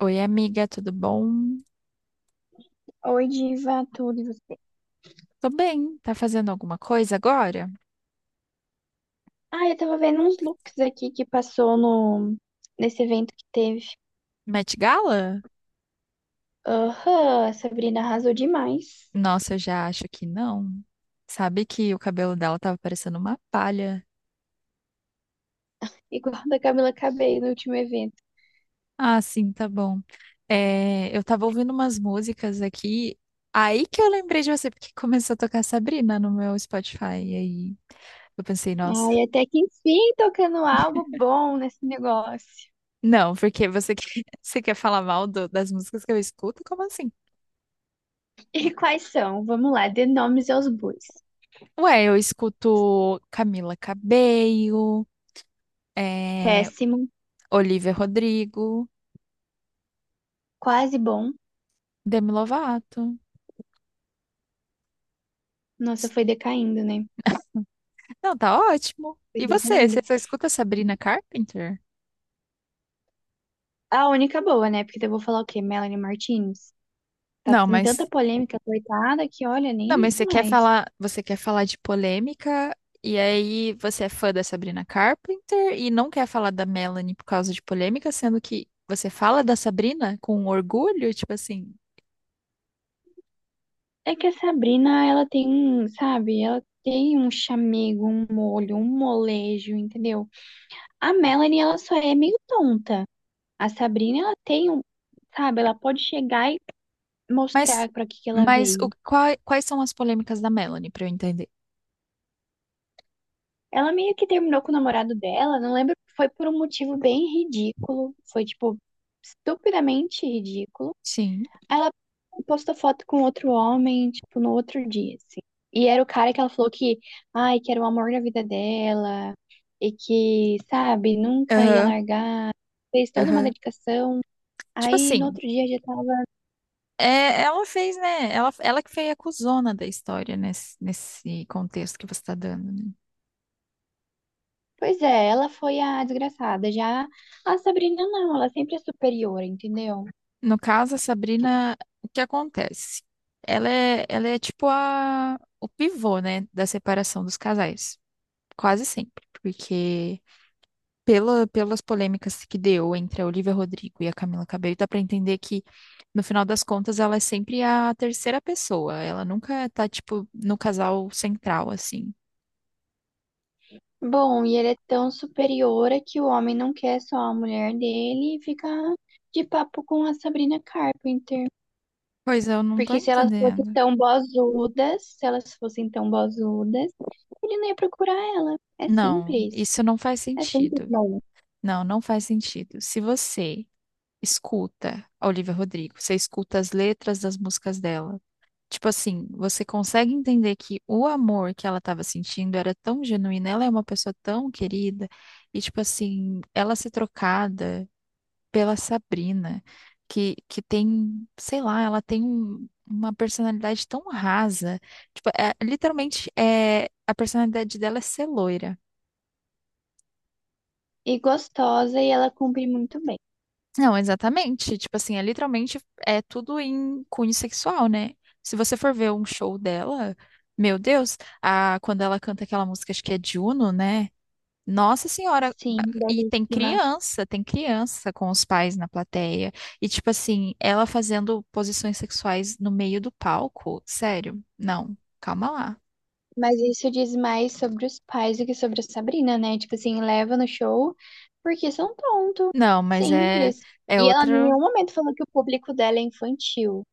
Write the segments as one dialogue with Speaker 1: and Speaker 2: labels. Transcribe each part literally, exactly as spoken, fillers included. Speaker 1: Oi, amiga, tudo bom?
Speaker 2: Oi, Diva, tudo e você?
Speaker 1: Tô bem. Tá fazendo alguma coisa agora?
Speaker 2: Ah, eu tava vendo uns looks aqui que passou no nesse evento que teve.
Speaker 1: Met Gala?
Speaker 2: Aham, a Sabrina arrasou demais.
Speaker 1: Nossa, eu já acho que não. Sabe que o cabelo dela tava parecendo uma palha.
Speaker 2: Igual a da Camila Cabello no último evento.
Speaker 1: Ah, sim, tá bom. É, eu tava ouvindo umas músicas aqui, aí que eu lembrei de você, porque começou a tocar Sabrina no meu Spotify. E aí eu pensei, nossa,
Speaker 2: Ai, até que enfim, tocando algo bom nesse negócio.
Speaker 1: não, porque você quer, você quer falar mal do- das músicas que eu escuto? Como assim?
Speaker 2: E quais são? Vamos lá, dê nomes aos bois.
Speaker 1: Ué, eu escuto Camila Cabello. É,
Speaker 2: Péssimo,
Speaker 1: Olivia Rodrigo,
Speaker 2: quase bom.
Speaker 1: Demi Lovato.
Speaker 2: Nossa, foi decaindo, né?
Speaker 1: Não, tá ótimo.
Speaker 2: Foi
Speaker 1: E você?
Speaker 2: decaindo.
Speaker 1: Você só escuta Sabrina Carpenter?
Speaker 2: A única boa, né? Porque eu vou falar o quê? Melanie Martinez? Tá
Speaker 1: Não,
Speaker 2: em tanta
Speaker 1: mas
Speaker 2: polêmica, coitada, que olha,
Speaker 1: não,
Speaker 2: nem
Speaker 1: mas
Speaker 2: isso
Speaker 1: você quer
Speaker 2: mais.
Speaker 1: falar, você quer falar de polêmica e aí você é fã da Sabrina Carpenter e não quer falar da Melanie por causa de polêmica, sendo que você fala da Sabrina com orgulho, tipo assim,
Speaker 2: É que a Sabrina, ela tem, um, sabe, ela tem um chamego, um molho, um molejo, entendeu? A Melanie, ela só é meio tonta. A Sabrina, ela tem um, sabe, ela pode chegar e
Speaker 1: Mas,
Speaker 2: mostrar pra que que ela
Speaker 1: mas o,
Speaker 2: veio.
Speaker 1: quai- quais são as polêmicas da Melanie, pra eu entender?
Speaker 2: Ela meio que terminou com o namorado dela, não lembro, foi por um motivo bem ridículo, foi tipo estupidamente ridículo.
Speaker 1: Sim.
Speaker 2: Ela postou foto com outro homem, tipo, no outro dia, assim. E era o cara que ela falou que, ai, que era o amor da vida dela, e que, sabe, nunca ia
Speaker 1: Aham,
Speaker 2: largar. Fez toda uma
Speaker 1: aham.
Speaker 2: dedicação.
Speaker 1: Tipo
Speaker 2: Aí no
Speaker 1: assim,
Speaker 2: outro dia já tava.
Speaker 1: é, ela fez, né? Ela, ela que foi a cuzona da história nesse, nesse contexto que você tá dando, né?
Speaker 2: Pois é, ela foi a desgraçada. Já a Sabrina não, ela sempre é superior, entendeu?
Speaker 1: No caso, a Sabrina, o que acontece? Ela é, ela é tipo a, o pivô, né, da separação dos casais. Quase sempre. Porque pela, pelas polêmicas que deu entre a Olivia Rodrigo e a Camila Cabello, dá pra entender que, no final das contas, ela é sempre a terceira pessoa. Ela nunca tá, tipo, no casal central, assim.
Speaker 2: Bom, e ele é tão superior é que o homem não quer só a mulher dele e fica de papo com a Sabrina Carpenter.
Speaker 1: Pois é, eu não tô
Speaker 2: Porque se elas fossem
Speaker 1: entendendo.
Speaker 2: tão bozudas, se elas fossem tão bozudas, ele não ia procurar ela. É
Speaker 1: Não,
Speaker 2: simples.
Speaker 1: isso não faz
Speaker 2: É simples,
Speaker 1: sentido.
Speaker 2: não.
Speaker 1: Não, não faz sentido. Se você escuta a Olivia Rodrigo, você escuta as letras das músicas dela. Tipo assim, você consegue entender que o amor que ela estava sentindo era tão genuíno, ela é uma pessoa tão querida, e tipo assim, ela ser trocada pela Sabrina, que, que tem, sei lá, ela tem um- uma personalidade tão rasa. Tipo, é- literalmente, é, a personalidade dela é ser loira.
Speaker 2: E gostosa, e ela cumpre muito bem.
Speaker 1: Não, exatamente. Tipo assim, é literalmente é tudo em cunho sexual, né? Se você for ver um show dela, meu Deus, a, quando ela canta aquela música, acho que é Juno, né? Nossa Senhora,
Speaker 2: Sim,
Speaker 1: e tem
Speaker 2: belíssima.
Speaker 1: criança, tem criança com os pais na plateia. E tipo assim, ela fazendo posições sexuais no meio do palco, sério? Não, calma lá.
Speaker 2: Mas isso diz mais sobre os pais do que sobre a Sabrina, né? Tipo assim, leva no show porque são tonto.
Speaker 1: Não, mas é
Speaker 2: Simples.
Speaker 1: é
Speaker 2: E ela em
Speaker 1: outra.
Speaker 2: nenhum momento falou que o público dela é infantil.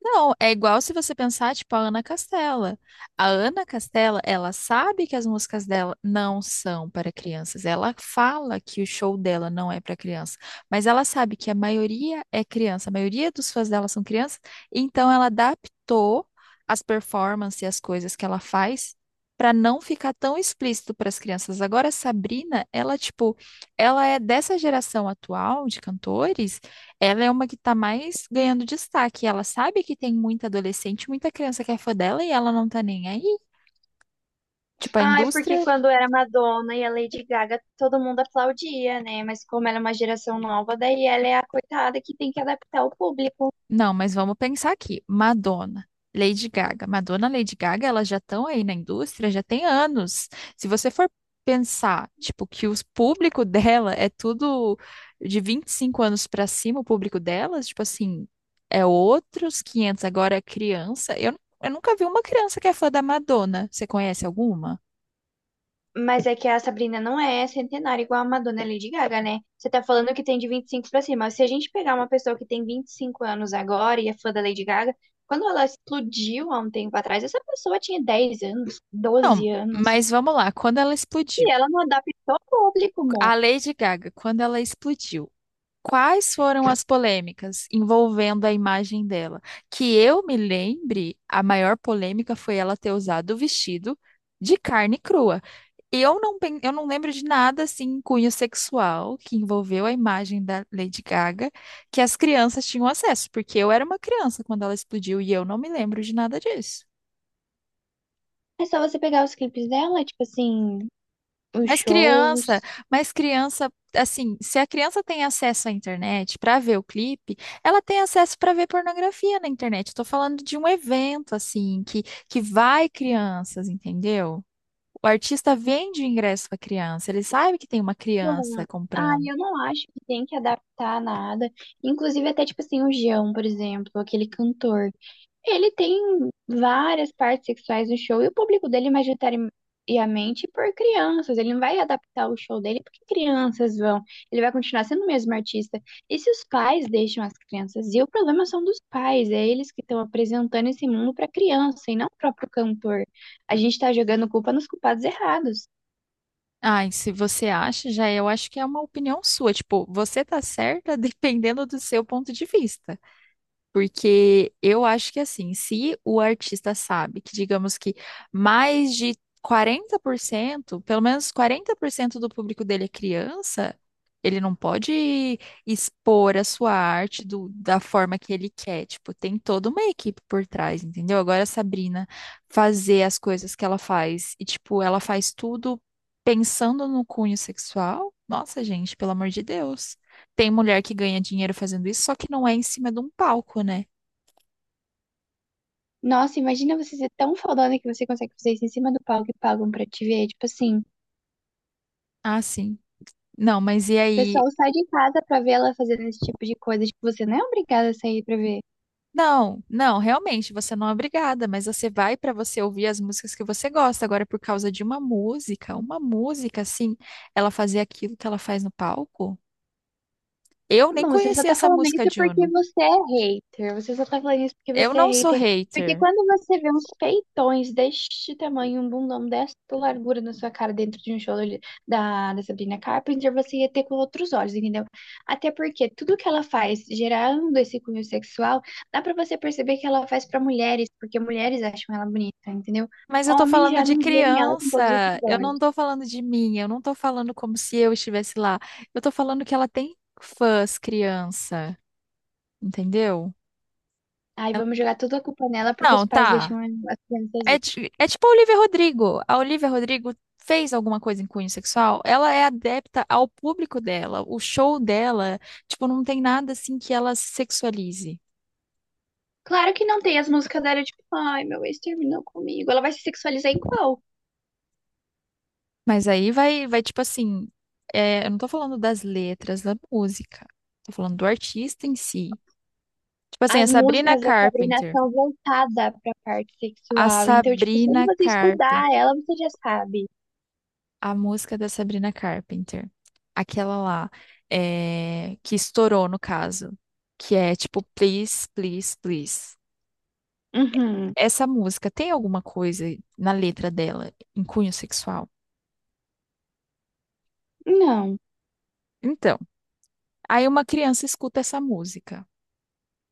Speaker 1: Não, é igual se você pensar, tipo, a Ana Castela. A Ana Castela, ela sabe que as músicas dela não são para crianças. Ela fala que o show dela não é para criança, mas ela sabe que a maioria é criança, a maioria dos fãs dela são crianças, então ela adaptou as performances e as coisas que ela faz para não ficar tão explícito para as crianças. Agora, a Sabrina, ela, tipo, ela é dessa geração atual de cantores, ela é uma que tá mais ganhando destaque. Ela sabe que tem muita adolescente, muita criança que é fã dela e ela não tá nem aí. Tipo, a
Speaker 2: Ai, porque
Speaker 1: indústria.
Speaker 2: quando era Madonna e a Lady Gaga, todo mundo aplaudia, né? Mas como ela é uma geração nova, daí ela é a coitada que tem que adaptar o público.
Speaker 1: Não, mas vamos pensar aqui. Madonna, Lady Gaga. Madonna, Lady Gaga, elas já estão aí na indústria, já tem anos. Se você for pensar, tipo, que o público dela é tudo de vinte e cinco anos pra cima, o público delas, tipo assim, é outros quinhentos. Agora, é criança. Eu, eu nunca vi uma criança que é fã da Madonna. Você conhece alguma?
Speaker 2: Mas é que a Sabrina não é centenária igual a Madonna e a Lady Gaga, né? Você tá falando que tem de vinte e cinco pra cima. Se a gente pegar uma pessoa que tem vinte e cinco anos agora e é fã da Lady Gaga, quando ela explodiu há um tempo atrás, essa pessoa tinha dez anos,
Speaker 1: Não,
Speaker 2: doze anos.
Speaker 1: mas vamos lá. Quando ela
Speaker 2: E
Speaker 1: explodiu,
Speaker 2: ela não adaptou o público, amor.
Speaker 1: a Lady Gaga, quando ela explodiu, quais foram as polêmicas envolvendo a imagem dela? Que eu me lembre, a maior polêmica foi ela ter usado o vestido de carne crua. Eu não, pen- eu não lembro de nada assim, em cunho sexual que envolveu a imagem da Lady Gaga que as crianças tinham acesso, porque eu era uma criança quando ela explodiu e eu não me lembro de nada disso.
Speaker 2: É só você pegar os clipes dela, tipo assim, os
Speaker 1: Mas criança,
Speaker 2: shows.
Speaker 1: mas criança, assim, se a criança tem acesso à internet para ver o clipe, ela tem acesso para ver pornografia na internet. Estou falando de um evento, assim, que, que vai crianças, entendeu? O artista vende o ingresso para criança, ele sabe que tem uma
Speaker 2: Bom,
Speaker 1: criança
Speaker 2: ah,
Speaker 1: comprando.
Speaker 2: eu não acho que tem que adaptar nada. Inclusive, até tipo assim, o Jão, por exemplo, aquele cantor. Ele tem várias partes sexuais no show e o público dele, majoritariamente, por crianças. Ele não vai adaptar o show dele porque crianças vão. Ele vai continuar sendo o mesmo artista. E se os pais deixam as crianças? E o problema são dos pais, é eles que estão apresentando esse mundo para criança e não o próprio cantor. A gente tá jogando culpa nos culpados errados.
Speaker 1: Ai, se você acha, já eu acho que é uma opinião sua. Tipo, você tá certa dependendo do seu ponto de vista. Porque eu acho que assim, se o artista sabe que, digamos que mais de quarenta por cento, pelo menos quarenta por cento do público dele é criança, ele não pode expor a sua arte do- da forma que ele quer. Tipo, tem toda uma equipe por trás, entendeu? Agora a Sabrina fazer as coisas que ela faz e, tipo, ela faz tudo pensando no cunho sexual. Nossa, gente, pelo amor de Deus. Tem mulher que ganha dinheiro fazendo isso, só que não é em cima de um palco, né?
Speaker 2: Nossa, imagina você ser tão fodona que você consegue fazer isso em cima do palco e pagam pra te ver. Tipo assim, o
Speaker 1: Ah, sim. Não, mas e
Speaker 2: pessoal
Speaker 1: aí?
Speaker 2: sai de casa pra ver ela fazendo esse tipo de coisa. Tipo, você não é obrigada a sair pra ver.
Speaker 1: Não, não, realmente, você não é obrigada, mas você vai pra você ouvir as músicas que você gosta. Agora, por causa de uma música, uma música, assim, ela fazer aquilo que ela faz no palco? Eu nem
Speaker 2: Bom, você só
Speaker 1: conhecia
Speaker 2: tá
Speaker 1: essa
Speaker 2: falando isso
Speaker 1: música de
Speaker 2: porque
Speaker 1: Uno.
Speaker 2: você é hater. Você só tá falando isso porque
Speaker 1: Eu
Speaker 2: você é
Speaker 1: não sou
Speaker 2: hater. Porque
Speaker 1: hater,
Speaker 2: quando você vê uns peitões deste tamanho, um bundão desta largura na sua cara dentro de um show ali da, da Sabrina Carpenter, você ia ter com outros olhos, entendeu? Até porque tudo que ela faz gerando esse cunho sexual, dá pra você perceber que ela faz pra mulheres, porque mulheres acham ela bonita, entendeu?
Speaker 1: mas eu tô
Speaker 2: Homens
Speaker 1: falando
Speaker 2: já
Speaker 1: de
Speaker 2: não veem ela com
Speaker 1: criança.
Speaker 2: todos esses
Speaker 1: Eu não
Speaker 2: olhos.
Speaker 1: tô falando de mim, eu não tô falando como se eu estivesse lá. Eu tô falando que ela tem fãs criança, entendeu?
Speaker 2: Aí
Speaker 1: Ela,
Speaker 2: vamos jogar toda a culpa nela porque os
Speaker 1: não,
Speaker 2: pais
Speaker 1: tá.
Speaker 2: deixam as crianças.
Speaker 1: É, ti- é tipo a Olivia Rodrigo. A Olivia Rodrigo fez alguma coisa em cunho sexual, ela é adepta ao público dela. O show dela, tipo, não tem nada assim que ela se sexualize.
Speaker 2: Claro que não tem as músicas dela, tipo, ai, meu ex terminou comigo. Ela vai se sexualizar em qual?
Speaker 1: Mas aí vai, vai tipo assim, é, eu não tô falando das letras da música, tô falando do artista em si. Tipo assim, a
Speaker 2: As
Speaker 1: Sabrina
Speaker 2: músicas da Sabrina
Speaker 1: Carpenter.
Speaker 2: são voltadas pra parte
Speaker 1: A
Speaker 2: sexual. Então, tipo, se
Speaker 1: Sabrina
Speaker 2: você escutar
Speaker 1: Carpenter.
Speaker 2: ela, você já sabe.
Speaker 1: A música da Sabrina Carpenter. Aquela lá, é, que estourou no caso. Que é tipo, please, please, please.
Speaker 2: Uhum.
Speaker 1: Essa música tem alguma coisa na letra dela em cunho sexual?
Speaker 2: Não.
Speaker 1: Então, aí uma criança escuta essa música,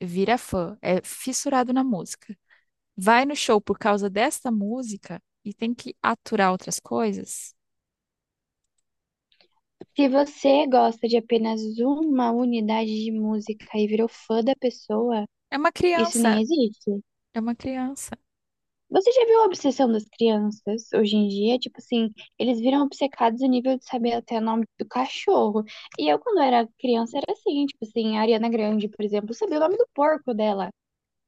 Speaker 1: vira fã, é fissurado na música. Vai no show por causa desta música e tem que aturar outras coisas?
Speaker 2: Se você gosta de apenas uma unidade de música e virou fã da pessoa,
Speaker 1: É uma
Speaker 2: isso nem
Speaker 1: criança,
Speaker 2: existe.
Speaker 1: é uma criança.
Speaker 2: Você já viu a obsessão das crianças hoje em dia? Tipo assim, eles viram obcecados a nível de saber até o nome do cachorro. E eu, quando era criança, era assim, tipo assim, a Ariana Grande, por exemplo, sabia o nome do porco dela.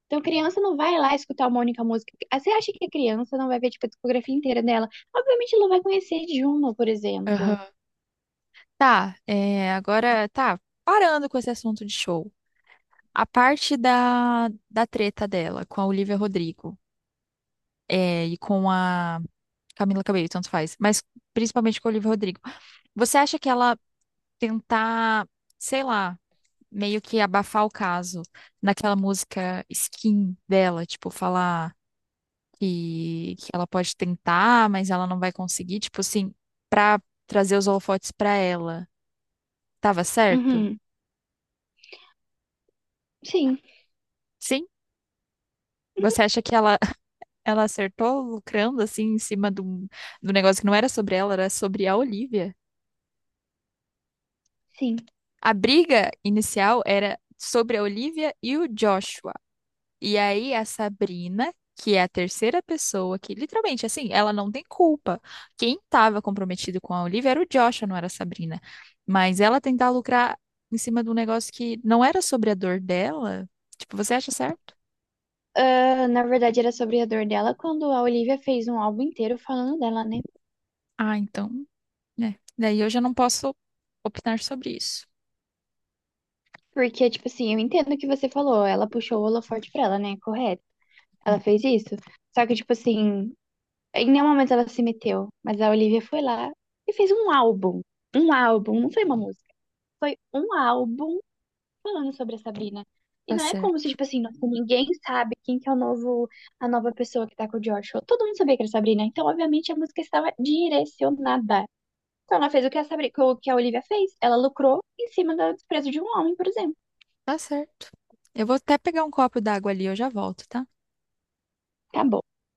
Speaker 2: Então, criança não vai lá escutar uma única música. Ah, você acha que a criança não vai ver, tipo, a discografia inteira dela? Obviamente, ela vai conhecer Juno, por exemplo.
Speaker 1: Aham. Tá, é, agora tá parando com esse assunto de show. A parte da, da treta dela com a Olivia Rodrigo é, e com a Camila Cabello, tanto faz, mas principalmente com a Olivia Rodrigo. Você acha que ela tentar, sei lá, meio que abafar o caso naquela música Skin dela, tipo, falar que, que ela pode tentar, mas ela não vai conseguir, tipo assim, pra trazer os holofotes pra ela, tava certo?
Speaker 2: Uhum. Sim,
Speaker 1: Sim? Você acha que ela ela acertou lucrando assim em cima do, do negócio que não era sobre ela, era sobre a Olivia.
Speaker 2: sim.
Speaker 1: A briga inicial era sobre a Olivia e o Joshua. E aí a Sabrina, que é a terceira pessoa que literalmente assim, ela não tem culpa. Quem estava comprometido com a Olivia era o Joshua, não era a Sabrina. Mas ela tentar lucrar em cima de um negócio que não era sobre a dor dela, tipo, você acha certo?
Speaker 2: Ah, na verdade, era sobre a dor dela quando a Olivia fez um álbum inteiro falando dela, né?
Speaker 1: Ah, então, né. Daí eu já não posso opinar sobre isso.
Speaker 2: Porque, tipo assim, eu entendo o que você falou. Ela puxou o holofote pra ela, né? Correto.
Speaker 1: Hum.
Speaker 2: Ela fez isso. Só que, tipo assim, em nenhum momento ela se meteu. Mas a Olivia foi lá e fez um álbum. Um álbum, não foi uma música. Foi um álbum falando sobre a Sabrina. E
Speaker 1: Tá
Speaker 2: não é como se,
Speaker 1: certo.
Speaker 2: tipo assim, nossa, ninguém sabe quem que é o novo, a nova pessoa que tá com o George. Todo mundo sabia que era a Sabrina. Então, obviamente, a música estava direcionada. Então, ela fez o que a Sabrina, o que a Olivia fez. Ela lucrou em cima do desprezo de um homem, por exemplo.
Speaker 1: Tá certo. Eu vou até pegar um copo d'água ali, eu já volto, tá?
Speaker 2: Acabou.